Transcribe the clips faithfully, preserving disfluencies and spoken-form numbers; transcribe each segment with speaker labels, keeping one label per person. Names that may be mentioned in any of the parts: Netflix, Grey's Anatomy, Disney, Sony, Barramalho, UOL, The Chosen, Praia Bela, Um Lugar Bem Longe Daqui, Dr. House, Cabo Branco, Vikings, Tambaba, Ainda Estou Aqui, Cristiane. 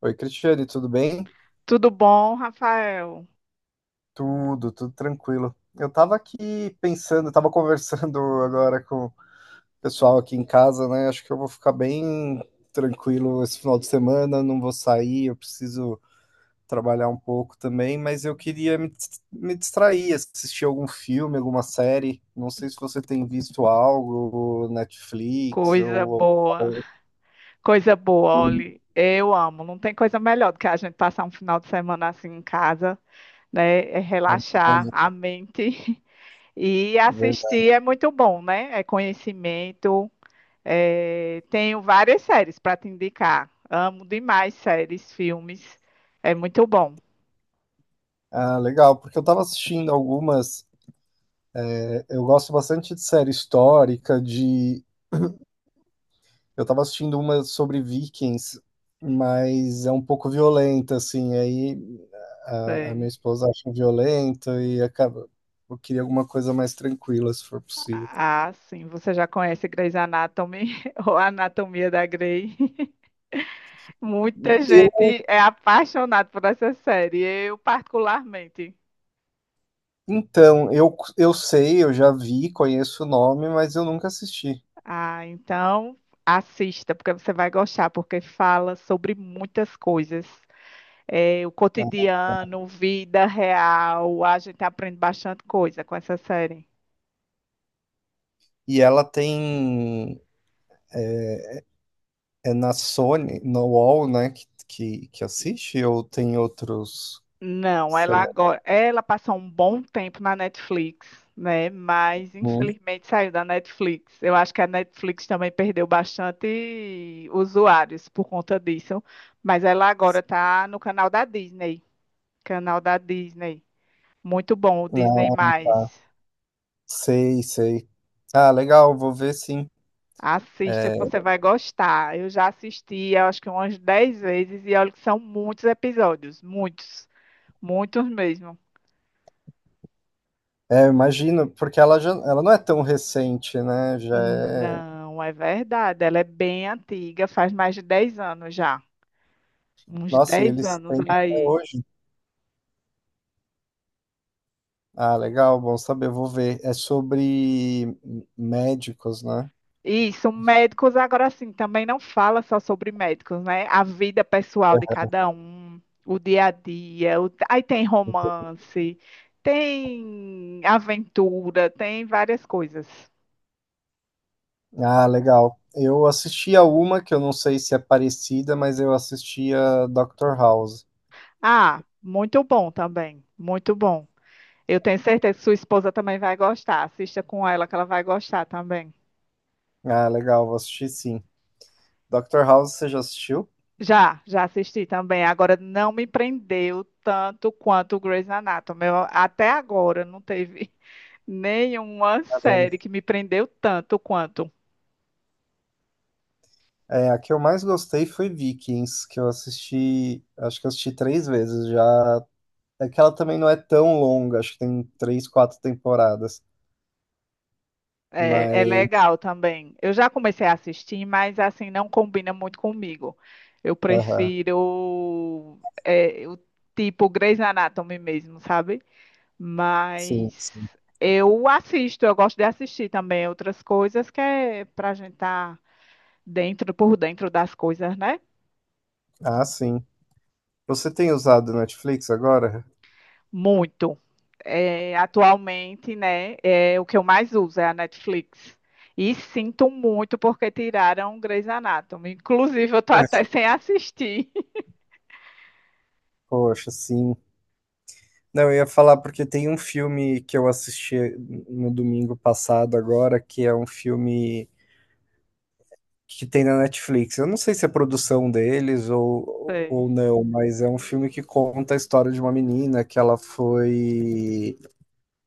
Speaker 1: Oi, Cristiane, tudo bem?
Speaker 2: Tudo bom, Rafael?
Speaker 1: Tudo, tudo tranquilo. Eu tava aqui pensando, tava conversando agora com o pessoal aqui em casa, né? Acho que eu vou ficar bem tranquilo esse final de semana, não vou sair, eu preciso trabalhar um pouco também, mas eu queria me, dis- me distrair, assistir algum filme, alguma série. Não sei se você tem visto algo, Netflix
Speaker 2: Coisa
Speaker 1: ou...
Speaker 2: boa,
Speaker 1: ou-
Speaker 2: coisa boa, olha, eu amo. Não tem coisa melhor do que a gente passar um final de semana assim em casa, né? É relaxar
Speaker 1: ou-
Speaker 2: a mente e assistir é muito bom, né? É conhecimento. É, tenho várias séries para te indicar. Amo demais séries, filmes. É muito bom.
Speaker 1: Ah, legal, porque eu tava assistindo algumas. Eu gosto bastante de série histórica, de. Eu tava assistindo uma sobre Vikings, mas é um pouco violenta, assim. Aí a, a minha
Speaker 2: Sei.
Speaker 1: esposa acha violenta e acaba. Eu queria alguma coisa mais tranquila, se for possível.
Speaker 2: Ah, sim, você já conhece Grey's Anatomy ou Anatomia da Grey? Muita
Speaker 1: Eu,
Speaker 2: gente é apaixonada por essa série, eu particularmente.
Speaker 1: então, eu, eu sei, eu já vi, conheço o nome, mas eu nunca assisti.
Speaker 2: Ah, então assista, porque você vai gostar, porque fala sobre muitas coisas. É, o cotidiano, vida real, a gente aprende bastante coisa com essa série.
Speaker 1: E ela tem. É na Sony, no U O L, né? Que, que, que assiste, ou tem outros.
Speaker 2: Não,
Speaker 1: Sei
Speaker 2: ela
Speaker 1: lá.
Speaker 2: agora, ela passou um bom tempo na Netflix, né? Mas
Speaker 1: Hum.
Speaker 2: infelizmente saiu da Netflix. Eu acho que a Netflix também perdeu bastante usuários por conta disso, mas ela agora está no canal da Disney, canal da Disney. Muito bom, o Disney
Speaker 1: Ah, tá.
Speaker 2: mais.
Speaker 1: Sei, sei. Ah, legal, vou ver sim.
Speaker 2: Assista
Speaker 1: É,
Speaker 2: que você vai gostar. Eu já assisti, eu acho que umas dez vezes e olha que são muitos episódios, muitos, muitos mesmo.
Speaker 1: é, eu imagino, porque ela já, ela não é tão recente, né? Já é.
Speaker 2: Não, é verdade. Ela é bem antiga, faz mais de dez anos já. Uns
Speaker 1: Nossa, e
Speaker 2: dez
Speaker 1: eles
Speaker 2: anos
Speaker 1: têm até
Speaker 2: aí.
Speaker 1: hoje. Ah, legal, bom saber, vou ver. É sobre médicos, né?
Speaker 2: Isso, médicos agora sim, também não fala só sobre médicos, né? A vida pessoal de cada um, o dia a dia. o- Aí tem romance, tem aventura, tem várias coisas.
Speaker 1: Ah, legal. Eu assisti a uma que eu não sei se é parecida, mas eu assisti a doutor House.
Speaker 2: Ah, muito bom também, muito bom. Eu tenho certeza que sua esposa também vai gostar. Assista com ela que ela vai gostar também.
Speaker 1: Ah, legal, vou assistir sim. doutor House, você já assistiu?
Speaker 2: Já, já assisti também. Agora não me prendeu tanto quanto o Grey's Anatomy. Eu, até agora não teve nenhuma série que me prendeu tanto quanto.
Speaker 1: É, a que eu mais gostei foi Vikings, que eu assisti, acho que eu assisti três vezes já. É que ela também não é tão longa, acho que tem três, quatro temporadas.
Speaker 2: É, é
Speaker 1: Mas,
Speaker 2: legal também. Eu já comecei a assistir, mas assim não combina muito comigo. Eu
Speaker 1: aham,
Speaker 2: prefiro é, o tipo Grey's Anatomy mesmo, sabe?
Speaker 1: sim,
Speaker 2: Mas
Speaker 1: sim.
Speaker 2: eu assisto, eu gosto de assistir também outras coisas que é pra gente estar dentro, por dentro das coisas, né?
Speaker 1: Ah, sim. Você tem usado Netflix agora?
Speaker 2: Muito. É, atualmente, né, é, o que eu mais uso é a Netflix. E sinto muito porque tiraram Grey's Anatomy. Inclusive, eu tô até sem assistir.
Speaker 1: Poxa, sim. Não, eu ia falar porque tem um filme que eu assisti no domingo passado agora, que é um filme que tem na Netflix. Eu não sei se é produção deles ou,
Speaker 2: Sei,
Speaker 1: ou não, mas é um filme que conta a história de uma menina que ela foi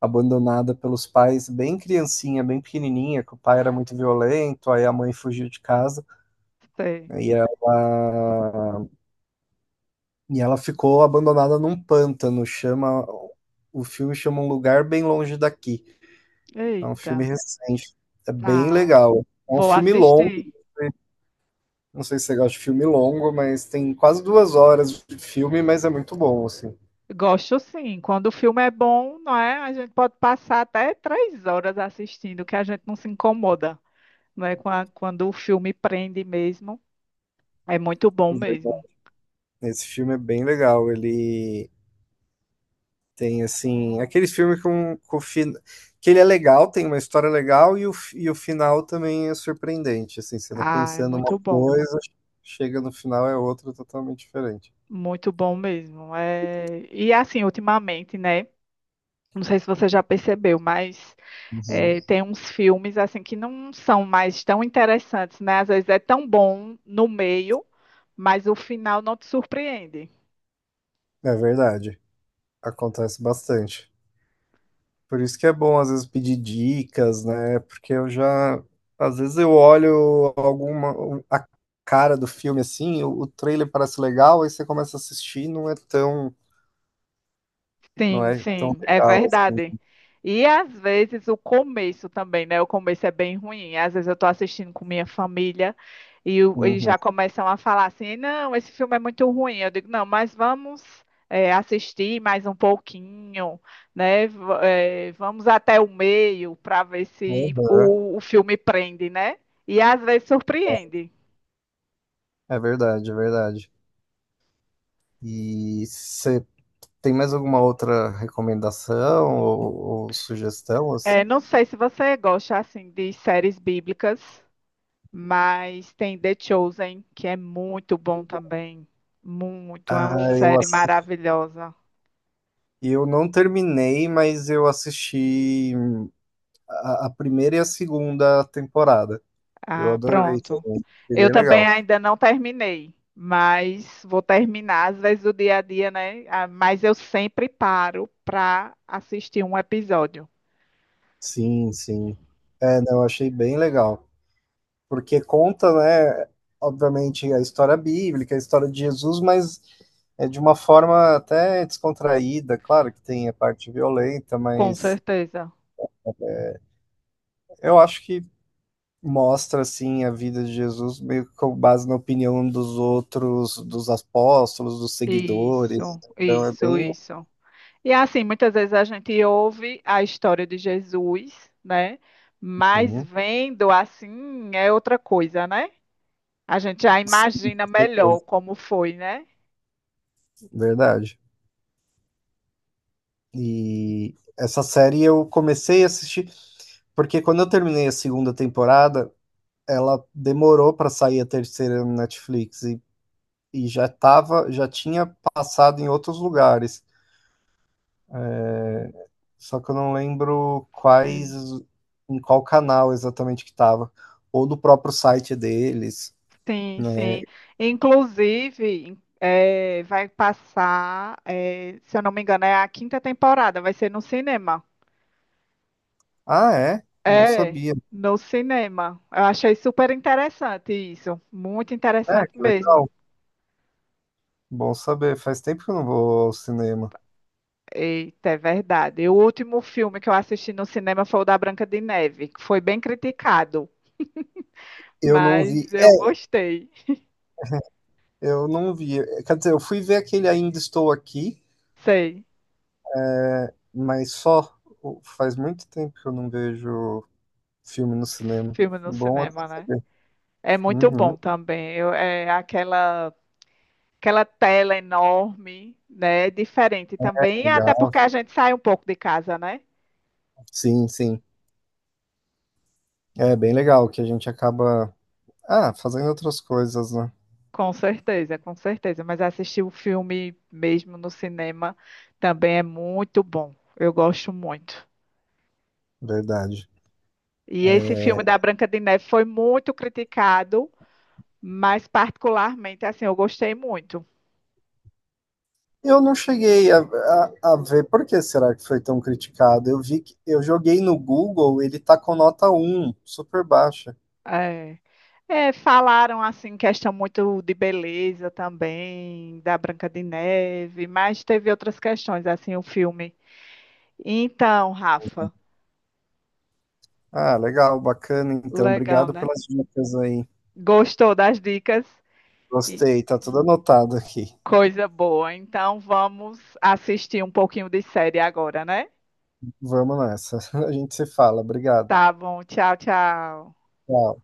Speaker 1: abandonada pelos pais bem criancinha, bem pequenininha, que o pai era muito violento, aí a mãe fugiu de casa
Speaker 2: sei.
Speaker 1: né, e ela, e ela ficou abandonada num pântano. Chama, o filme chama Um Lugar Bem Longe Daqui. É um
Speaker 2: Eita,
Speaker 1: filme recente, é bem
Speaker 2: tá.
Speaker 1: legal. É um
Speaker 2: Vou
Speaker 1: filme longo.
Speaker 2: assistir.
Speaker 1: Não sei se você gosta de filme longo, mas tem quase duas horas de filme, mas é muito bom, assim.
Speaker 2: Gosto sim. Quando o filme é bom, não é? A gente pode passar até três horas assistindo, que a gente não se incomoda, não é? Qua- Quando o filme prende mesmo, é muito bom mesmo.
Speaker 1: Esse filme é bem legal. Ele tem, assim, aqueles filmes com, com fin... que ele é legal, tem uma história legal e o, fi- e o final também é surpreendente. Assim, você tá
Speaker 2: Ah, é
Speaker 1: pensando uma
Speaker 2: muito bom,
Speaker 1: coisa, chega no final é outra totalmente diferente.
Speaker 2: muito bom mesmo. É... E assim, ultimamente, né? Não sei se você já percebeu, mas
Speaker 1: Uhum.
Speaker 2: é, tem uns filmes assim que não são mais tão interessantes, né? Às vezes é tão bom no meio, mas o final não te surpreende.
Speaker 1: É verdade. Acontece bastante. Por isso que é bom às vezes pedir dicas, né? Porque eu já às vezes eu olho alguma a cara do filme assim, o, o trailer parece legal, aí você começa a assistir, e não é tão não
Speaker 2: Sim,
Speaker 1: é tão
Speaker 2: sim, é
Speaker 1: legal assim.
Speaker 2: verdade. E às vezes o começo também, né? O começo é bem ruim. Às vezes eu tô assistindo com minha família e, o- e
Speaker 1: Uhum.
Speaker 2: já começam a falar assim: não, esse filme é muito ruim. Eu digo: não, mas vamos é, assistir mais um pouquinho, né? V- é, vamos até o meio para ver se
Speaker 1: Aham.
Speaker 2: o, o filme prende, né? E às vezes surpreende.
Speaker 1: É verdade, é verdade. E você tem mais alguma outra recomendação ou, ou sugestão
Speaker 2: É,
Speaker 1: assim?
Speaker 2: não sei se você gosta assim de séries bíblicas. Mas tem The Chosen, que é muito bom também. Muito, é uma
Speaker 1: Ah, eu
Speaker 2: série
Speaker 1: assisti,
Speaker 2: maravilhosa.
Speaker 1: eu não terminei, mas eu assisti a, a primeira e a segunda temporada. Eu
Speaker 2: Ah,
Speaker 1: adorei
Speaker 2: pronto.
Speaker 1: também. Achei
Speaker 2: Eu
Speaker 1: bem
Speaker 2: também
Speaker 1: legal.
Speaker 2: ainda não terminei, mas vou terminar às vezes o dia a dia, né? Ah, mas eu sempre paro para assistir um episódio.
Speaker 1: Sim, sim. É, não, eu achei bem legal. Porque conta, né, obviamente, a história bíblica, a história de Jesus, mas é de uma forma até descontraída. Claro que tem a parte violenta,
Speaker 2: Com
Speaker 1: mas
Speaker 2: certeza.
Speaker 1: eu acho que mostra, assim, a vida de Jesus meio que com base na opinião dos outros, dos apóstolos, dos seguidores.
Speaker 2: Isso,
Speaker 1: Então é
Speaker 2: isso,
Speaker 1: bem.
Speaker 2: isso. E assim, muitas vezes a gente ouve a história de Jesus, né? Mas
Speaker 1: Uhum.
Speaker 2: vendo assim é outra coisa, né? A gente já imagina melhor como foi, né?
Speaker 1: Verdade. E essa série eu comecei a assistir. Porque quando eu terminei a segunda temporada, ela demorou pra sair a terceira no Netflix e, e já tava, já tinha passado em outros lugares. É, só que eu não lembro quais,
Speaker 2: Hum.
Speaker 1: em qual canal exatamente que tava. Ou do próprio site deles.
Speaker 2: Sim,
Speaker 1: Né?
Speaker 2: sim. Inclusive, em- eh, vai passar, eh, se eu não me engano, é a quinta temporada, vai ser no cinema.
Speaker 1: Ah, é? Não
Speaker 2: É,
Speaker 1: sabia.
Speaker 2: no cinema. Eu achei super interessante isso. Muito
Speaker 1: É,
Speaker 2: interessante
Speaker 1: que
Speaker 2: mesmo.
Speaker 1: legal. Bom saber. Faz tempo que eu não vou ao cinema.
Speaker 2: Eita, é verdade. O último filme que eu assisti no cinema foi o da Branca de Neve, que foi bem criticado,
Speaker 1: Eu não
Speaker 2: mas
Speaker 1: vi. É,
Speaker 2: eu gostei.
Speaker 1: eu não vi. Quer dizer, eu fui ver aquele Ainda Estou Aqui,
Speaker 2: Sei,
Speaker 1: mas só faz muito tempo que eu não vejo filme no cinema.
Speaker 2: filme no
Speaker 1: Bom,
Speaker 2: cinema, né? É muito bom
Speaker 1: uhum,
Speaker 2: também. Eu- é aquela, aquela tela enorme, né? É diferente também, até
Speaker 1: legal.
Speaker 2: porque a gente sai um pouco de casa, né?
Speaker 1: Sim, sim. É bem legal que a gente acaba, ah, fazendo outras coisas, né?
Speaker 2: Com certeza, com certeza. Mas assistir o filme mesmo no cinema também é muito bom. Eu gosto muito.
Speaker 1: Verdade.
Speaker 2: E esse filme
Speaker 1: É,
Speaker 2: da Branca de Neve foi muito criticado, mas particularmente, assim, eu gostei muito.
Speaker 1: eu não cheguei a, a, a ver por que será que foi tão criticado. Eu vi que eu joguei no Google, ele tá com nota um super baixa.
Speaker 2: É. É, falaram assim, questão muito de beleza também, da Branca de Neve, mas teve outras questões, assim, o filme. Então, Rafa,
Speaker 1: Ah, legal, bacana. Então,
Speaker 2: legal,
Speaker 1: obrigado
Speaker 2: né?
Speaker 1: pelas dicas aí.
Speaker 2: Gostou das dicas? E
Speaker 1: Gostei, tá tudo anotado aqui.
Speaker 2: coisa boa. Então, vamos assistir um pouquinho de série agora, né?
Speaker 1: Vamos nessa. A gente se fala. Obrigado.
Speaker 2: Tá bom, tchau, tchau.
Speaker 1: Tchau.